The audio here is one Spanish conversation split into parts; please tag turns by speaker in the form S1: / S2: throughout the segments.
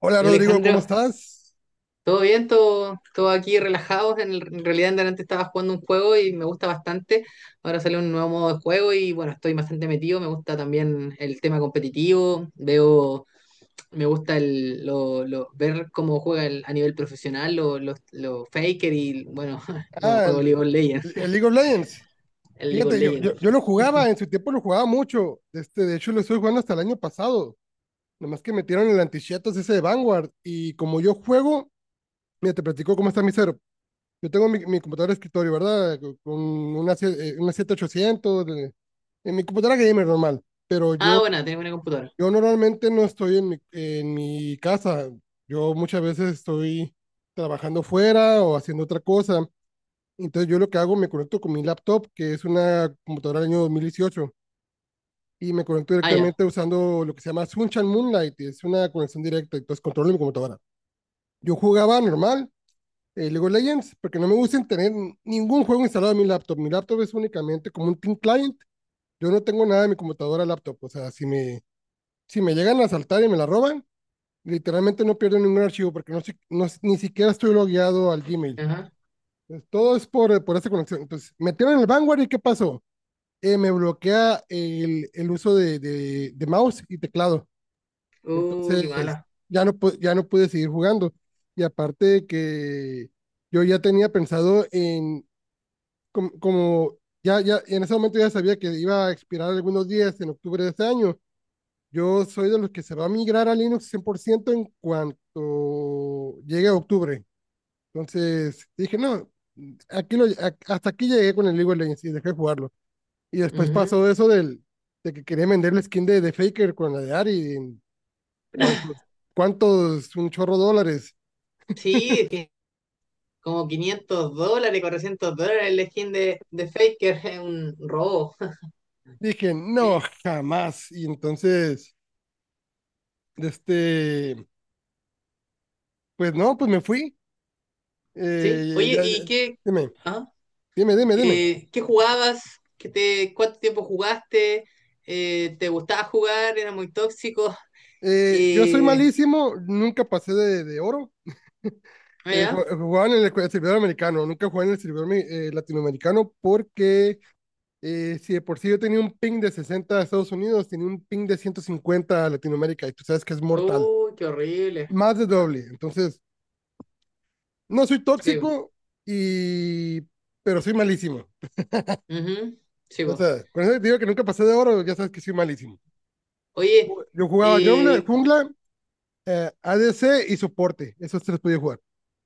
S1: Hola
S2: Hola
S1: Rodrigo, ¿cómo
S2: Alejandro,
S1: estás?
S2: ¿todo bien? ¿Todo aquí relajados? En realidad en delante estaba jugando un juego y me gusta bastante. Ahora sale un nuevo modo de juego y bueno, estoy bastante metido. Me gusta también el tema competitivo. Me gusta ver cómo juega a nivel profesional los faker y bueno, bueno,
S1: Ah,
S2: juego League of Legends,
S1: el League of Legends.
S2: el League of
S1: Fíjate, yo lo
S2: Legends.
S1: jugaba, en su tiempo lo jugaba mucho. Este, de hecho, lo estuve jugando hasta el año pasado. Nomás que metieron el antichetas ese de Vanguard. Y como yo juego, mira, te platico cómo está mi cero. Yo tengo mi computadora de escritorio, ¿verdad? Con una, una 7800, en mi computadora gamer normal. Pero
S2: Ah,
S1: yo,
S2: bueno, tengo una computadora.
S1: yo normalmente no estoy en en mi casa. Yo muchas veces estoy trabajando fuera o haciendo otra cosa. Entonces yo lo que hago, me conecto con mi laptop, que es una computadora del año 2018 y me conecto
S2: Ah, ya.
S1: directamente usando lo que se llama Sunshine Moonlight, es una conexión directa, entonces controlo mi computadora. Yo jugaba normal, League of Legends, porque no me gusta tener ningún juego instalado en mi laptop. Mi laptop es únicamente como un Team Client, yo no tengo nada en mi computadora laptop, o sea, si me llegan a asaltar y me la roban, literalmente no pierdo ningún archivo, porque no ni siquiera estoy logueado al Gmail.
S2: Ajá.
S1: Entonces, todo es por esa conexión. Entonces, metieron el Vanguard y ¿qué pasó? Me bloquea el uso de mouse y teclado.
S2: Qué
S1: Entonces,
S2: mala.
S1: ya no, ya no pude seguir jugando. Y aparte de que yo ya tenía pensado en, como, ya, en ese momento ya sabía que iba a expirar algunos días en octubre de este año. Yo soy de los que se va a migrar a Linux 100% en cuanto llegue a octubre. Entonces, dije, no, hasta aquí llegué con el League of Legends y dejé de jugarlo. Y después
S2: Ujú.
S1: pasó eso del, de que quería vender la skin de Faker con la de Ari. ¿En cuántos? ¿Cuántos? Un chorro de dólares.
S2: Sí, como $500, $400 el skin de, Faker, es un robo.
S1: Dije, no,
S2: Eh,
S1: jamás. Y entonces, de este, pues no, pues me fui.
S2: sí, oye,
S1: Ya, ya-
S2: ¿y
S1: dime,
S2: ah,
S1: dime.
S2: qué jugabas? ¿ cuánto tiempo jugaste? ¿Te gustaba jugar? ¿Era muy tóxico?
S1: Yo soy
S2: Eh,
S1: malísimo, nunca pasé de oro.
S2: ya.
S1: Jugaba en el servidor americano, nunca jugué en el servidor latinoamericano porque eh, si de por sí yo tenía un ping de 60 a Estados Unidos, tenía un ping de 150 a Latinoamérica y tú sabes que es mortal,
S2: Uy, qué horrible.
S1: más de
S2: Ah,
S1: doble. Entonces, no soy
S2: sí,
S1: tóxico, y pero soy malísimo.
S2: ujú, sí,
S1: O
S2: po.
S1: sea, con eso te digo que nunca pasé de oro, ya sabes que soy malísimo.
S2: Oye,
S1: Yo jugaba jungla,
S2: eh,
S1: jungla ADC y soporte, esos tres podía jugar.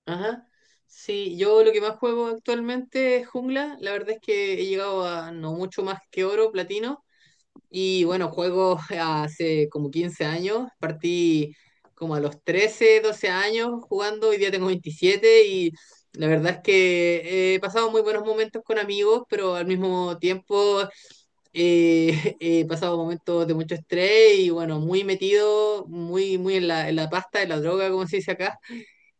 S2: ajá. Sí, yo lo que más juego actualmente es jungla. La verdad es que he llegado a no mucho más que oro, platino. Y bueno, juego hace como 15 años, partí como a los 13 12 años jugando, hoy día tengo 27 y la verdad es que he pasado muy buenos momentos con amigos, pero al mismo tiempo he pasado momentos de mucho estrés y bueno, muy metido, muy, muy en la, pasta, en la droga, como se dice acá.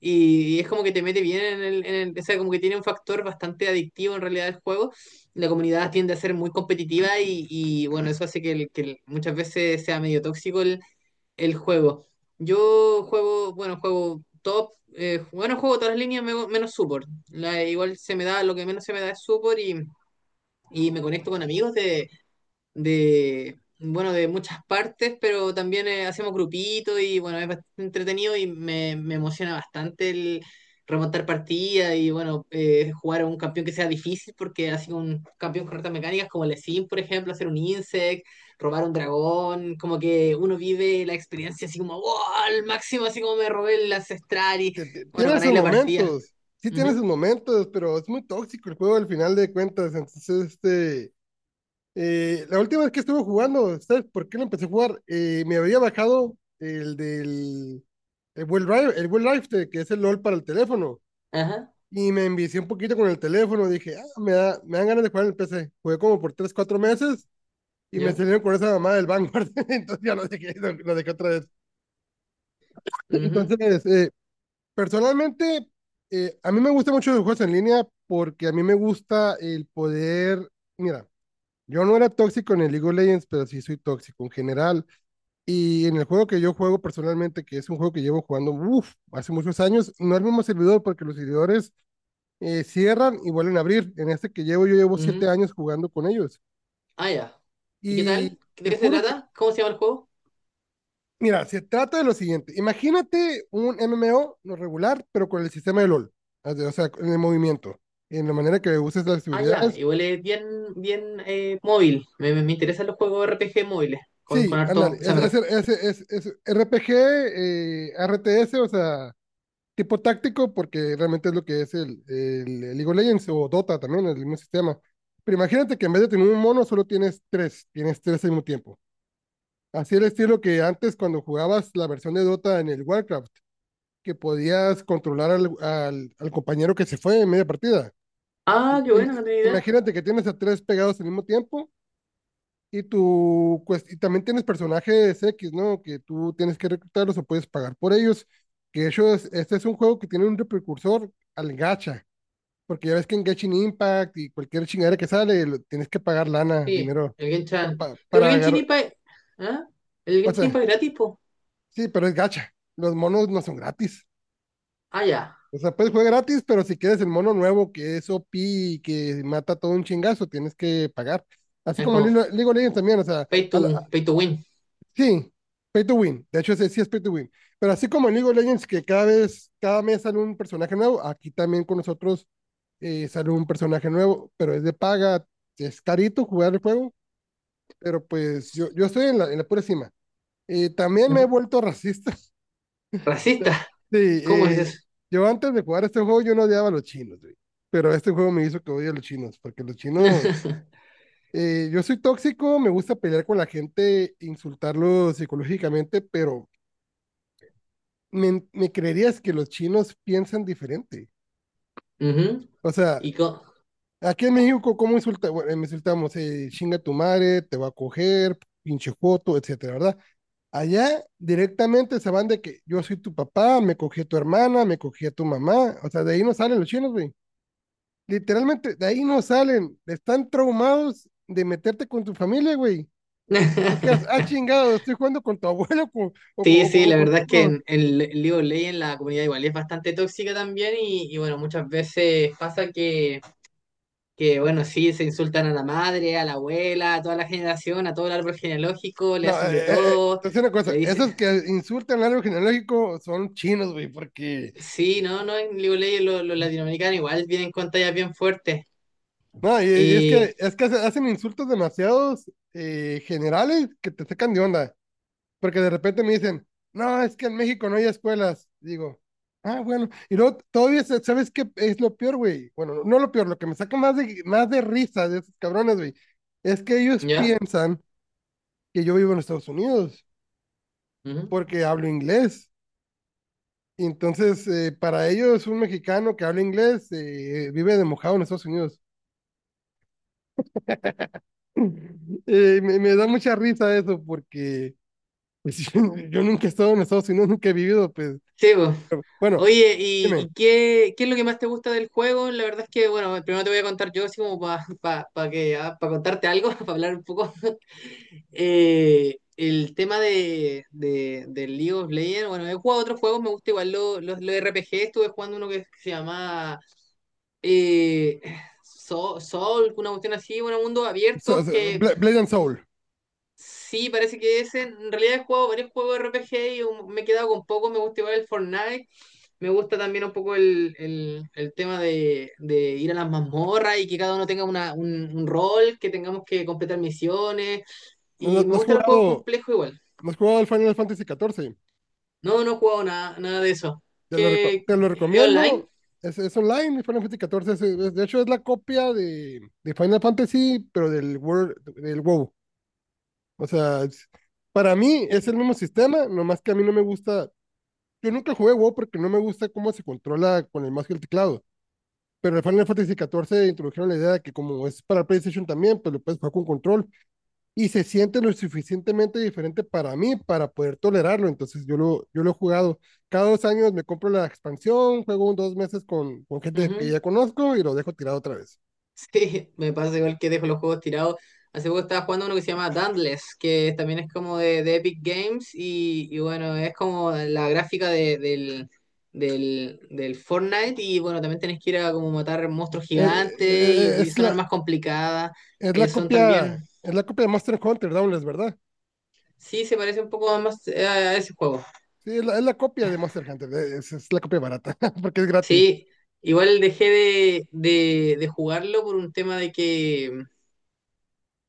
S2: Y es como que te mete bien O sea, como que tiene un factor bastante adictivo en realidad el juego. La comunidad tiende a ser muy competitiva y, bueno, eso hace que, muchas veces sea medio tóxico el juego. Yo juego, bueno, juego top. Bueno, juego todas las líneas menos support. Igual se me da, lo que menos se me da es support y me conecto con amigos bueno, de muchas partes, pero también hacemos grupitos y bueno, es bastante entretenido y me emociona bastante el remontar partidas y bueno, jugar a un campeón que sea difícil porque así un campeón con retas mecánicas como el Sim, por ejemplo, hacer un insect, robar un dragón, como que uno vive la experiencia así como wow, al máximo, así como me robé el ancestral y bueno,
S1: Tiene sus
S2: ganáis la partida.
S1: momentos, sí tiene
S2: Ujú.
S1: sus momentos, pero es muy tóxico el juego al final de cuentas, entonces este eh, la última vez que estuve jugando, ¿sabes por qué lo empecé a jugar? Me había bajado el del el Well Drive, el Well Life, que es el LOL para el teléfono.
S2: Ajá.
S1: Y me envicié un poquito con el teléfono. Dije, ah, me dan ganas de jugar en el PC. Jugué como por 3 4 meses y me
S2: Yo.
S1: salieron con esa mamá del Vanguard. Entonces ya lo dejé, lo dejé otra vez.
S2: Ujú.
S1: Entonces, personalmente, a mí me gusta mucho los juegos en línea porque a mí me gusta el poder. Mira, yo no era tóxico en el League of Legends, pero sí soy tóxico en general. Y en el juego que yo juego personalmente, que es un juego que llevo jugando uf, hace muchos años, no es el mismo servidor porque los servidores cierran y vuelven a abrir. En este que llevo, yo llevo 7
S2: Ujú.
S1: años jugando con ellos.
S2: Ah, ya. ¿Y qué
S1: Y
S2: tal? ¿De
S1: te
S2: qué se
S1: juro que,
S2: trata? ¿Cómo se llama el juego?
S1: mira, se trata de lo siguiente. Imagínate un MMO no regular, pero con el sistema de LOL. O sea, en el movimiento, en la manera que uses las
S2: Ah, ya.
S1: habilidades.
S2: Igual es bien, bien móvil. Me interesan los juegos RPG móviles. Con,
S1: Sí,
S2: con
S1: ándale,
S2: harto. O sea,
S1: es, es, es, es RPG, RTS, o sea, tipo táctico, porque realmente es lo que es el League of Legends o Dota también, el mismo sistema. Pero imagínate que en vez de tener un mono, solo tienes tres al mismo tiempo. Así el estilo que antes cuando jugabas la versión de Dota en el Warcraft, que podías controlar al compañero que se fue en media partida.
S2: Ah, qué
S1: Ima-
S2: bueno, no tenía idea.
S1: Imagínate que tienes a 3 pegados al mismo tiempo y, tu, y también tienes personajes X, ¿no? Que tú tienes que reclutarlos o puedes pagar por ellos. Que ellos, este es un juego que tiene un precursor al gacha. Porque ya ves que en Genshin Impact y cualquier chingadera que sale, tienes que pagar lana,
S2: Sí,
S1: dinero,
S2: el Genshin. Pero el
S1: para
S2: Genshin
S1: agarrar.
S2: Impact. ¿Ah? El
S1: O
S2: Genshin
S1: sea,
S2: Impact es gratis, po.
S1: sí, pero es gacha. Los monos no son gratis.
S2: Ah, ya.
S1: O sea, puedes jugar gratis, pero si quieres el mono nuevo que es OP y que mata todo un chingazo, tienes que pagar. Así
S2: Es
S1: como
S2: como
S1: League of Legends también, o sea,
S2: pay to, pay to win.
S1: sí, pay to win. De hecho, ese sí es pay to win. Pero así como en League of Legends, que cada vez, cada mes sale un personaje nuevo, aquí también con nosotros sale un personaje nuevo, pero es de paga. Es carito jugar el juego pero pues yo estoy en la pura cima. También
S2: ¿Ah?
S1: me he vuelto racista.
S2: Racista.
S1: Sí,
S2: ¿Cómo es eso?
S1: yo antes de jugar este juego yo no odiaba a los chinos, güey. Pero este juego me hizo que odie a los chinos, porque los chinos, yo soy tóxico, me gusta pelear con la gente, insultarlos psicológicamente, pero me creerías que los chinos piensan diferente.
S2: Ujú.
S1: O sea,
S2: Y co-
S1: aquí en México, ¿cómo insulta? Bueno, me insultamos, chinga tu madre, te va a coger, pinche joto, etcétera, ¿verdad? Allá directamente se van de que yo soy tu papá, me cogí a tu hermana, me cogí a tu mamá. O sea, de ahí no salen los chinos, güey. Literalmente, de ahí no salen. Están traumados de meterte con tu familia, güey. Te quedas, ah, chingado, estoy jugando con tu abuelo con- o, con-
S2: Sí,
S1: o
S2: sí,
S1: con- o
S2: la
S1: con...
S2: verdad es que
S1: No,
S2: en League of Legends la comunidad igual es bastante tóxica también y bueno, muchas veces pasa que, bueno, sí, se insultan a la madre, a la abuela, a toda la generación, a todo el árbol genealógico, le
S1: no,
S2: hacen de todo,
S1: te voy a decir una
S2: le
S1: cosa,
S2: dicen,
S1: esos que insultan al árbol genealógico son chinos, güey, porque...
S2: sí, no, no, en League of Legends los latinoamericanos igual vienen con tallas bien fuertes.
S1: No, y es
S2: Y,
S1: que, hacen insultos demasiados generales que te sacan de onda, porque de repente me dicen, no, es que en México no hay escuelas. Digo, ah, bueno, y luego todavía, ¿sabes qué es lo peor, güey? Bueno, no no lo peor, lo que me saca más de risa de esos cabrones, güey, es que ellos
S2: ¿Ya?
S1: piensan que yo vivo en Estados Unidos,
S2: Ujú.
S1: porque hablo inglés. Y entonces, para ellos, un mexicano que habla inglés vive de mojado en Estados Unidos. Me da mucha risa eso porque pues yo nunca he estado en Estados Unidos, nunca he vivido, pues.
S2: Sí, pues.
S1: Bueno,
S2: Oye, ¿y,
S1: dime,
S2: y qué es lo que más te gusta del juego? La verdad es que, bueno, primero te voy a contar yo, así como para que, pa contarte algo, para hablar un poco. El tema del League of Legends, bueno, he jugado otros juegos, me gusta igual los RPG, estuve jugando uno que se llama eh, Soul, una cuestión así, bueno, mundos abiertos, que
S1: Blade and Soul.
S2: sí, parece que ese, en realidad he jugado varios juegos de RPG y me he quedado con poco, me gusta igual el Fortnite, me gusta también un poco el tema de, ir a las mazmorras y que cada uno tenga un rol, que tengamos que completar misiones,
S1: ¿No,
S2: y me
S1: no has
S2: gustan los juegos
S1: jugado,
S2: complejos igual.
S1: no has jugado al Final Fantasy XIV?
S2: No, no he jugado nada, nada de eso.
S1: Te lo,
S2: ¿Qué?
S1: te lo
S2: ¿Es
S1: recomiendo.
S2: online?
S1: Es online, el Final Fantasy XIV. De hecho, es la copia de Final Fantasy, pero del World, del WoW. O sea, para mí es el mismo sistema, nomás que a mí no me gusta. Yo nunca jugué WoW porque no me gusta cómo se controla con el mouse y el teclado. Pero en Final Fantasy XIV introdujeron la idea de que como es para PlayStation también, pues lo puedes jugar con control y se siente lo suficientemente diferente para mí para poder tolerarlo. Entonces yo lo he jugado. Cada dos años me compro la expansión, juego un dos meses con gente que
S2: Ujú.
S1: ya conozco y lo dejo tirado otra vez.
S2: Sí, me pasa igual que dejo los juegos tirados. Hace poco estaba jugando uno que se llama Dauntless, que también es como de Epic Games y bueno, es como la gráfica del Fortnite y bueno, también tenés que ir a como matar monstruos
S1: Eh,
S2: gigantes y
S1: es,
S2: son
S1: la,
S2: armas complicadas. Son también...
S1: es la copia de Monster Hunter Downless, ¿verdad?
S2: Sí, se parece un poco más a ese juego.
S1: Sí, es la copia de Monster Hunter. Es la copia barata porque es gratis.
S2: Sí, igual dejé de jugarlo por un tema de que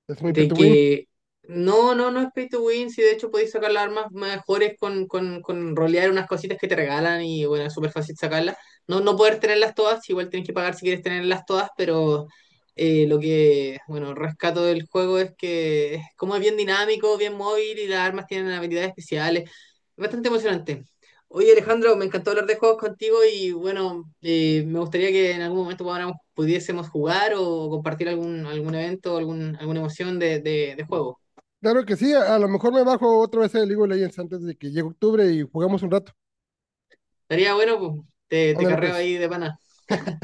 S1: Es muy pay
S2: de
S1: to win.
S2: que no, no, no es pay to win, si de hecho podéis sacar las armas mejores con rolear unas cositas que te regalan y bueno, es súper fácil sacarlas. No, no poder tenerlas todas, igual tienes que pagar si quieres tenerlas todas, pero lo que, bueno, rescato del juego es que es como es bien dinámico, bien móvil y las armas tienen habilidades especiales. Es bastante emocionante. Oye Alejandro, me encantó hablar de juegos contigo y bueno, me gustaría que en algún momento pudiésemos jugar o compartir algún evento, alguna emoción de juego.
S1: Claro que sí, a lo mejor me bajo otra vez el League of Legends antes de que llegue octubre y jugamos un rato.
S2: Estaría bueno, pues, te
S1: Ándale
S2: carreo
S1: pues,
S2: ahí de pana.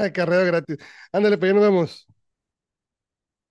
S1: carrera gratis. Ándale pues, ya nos vemos.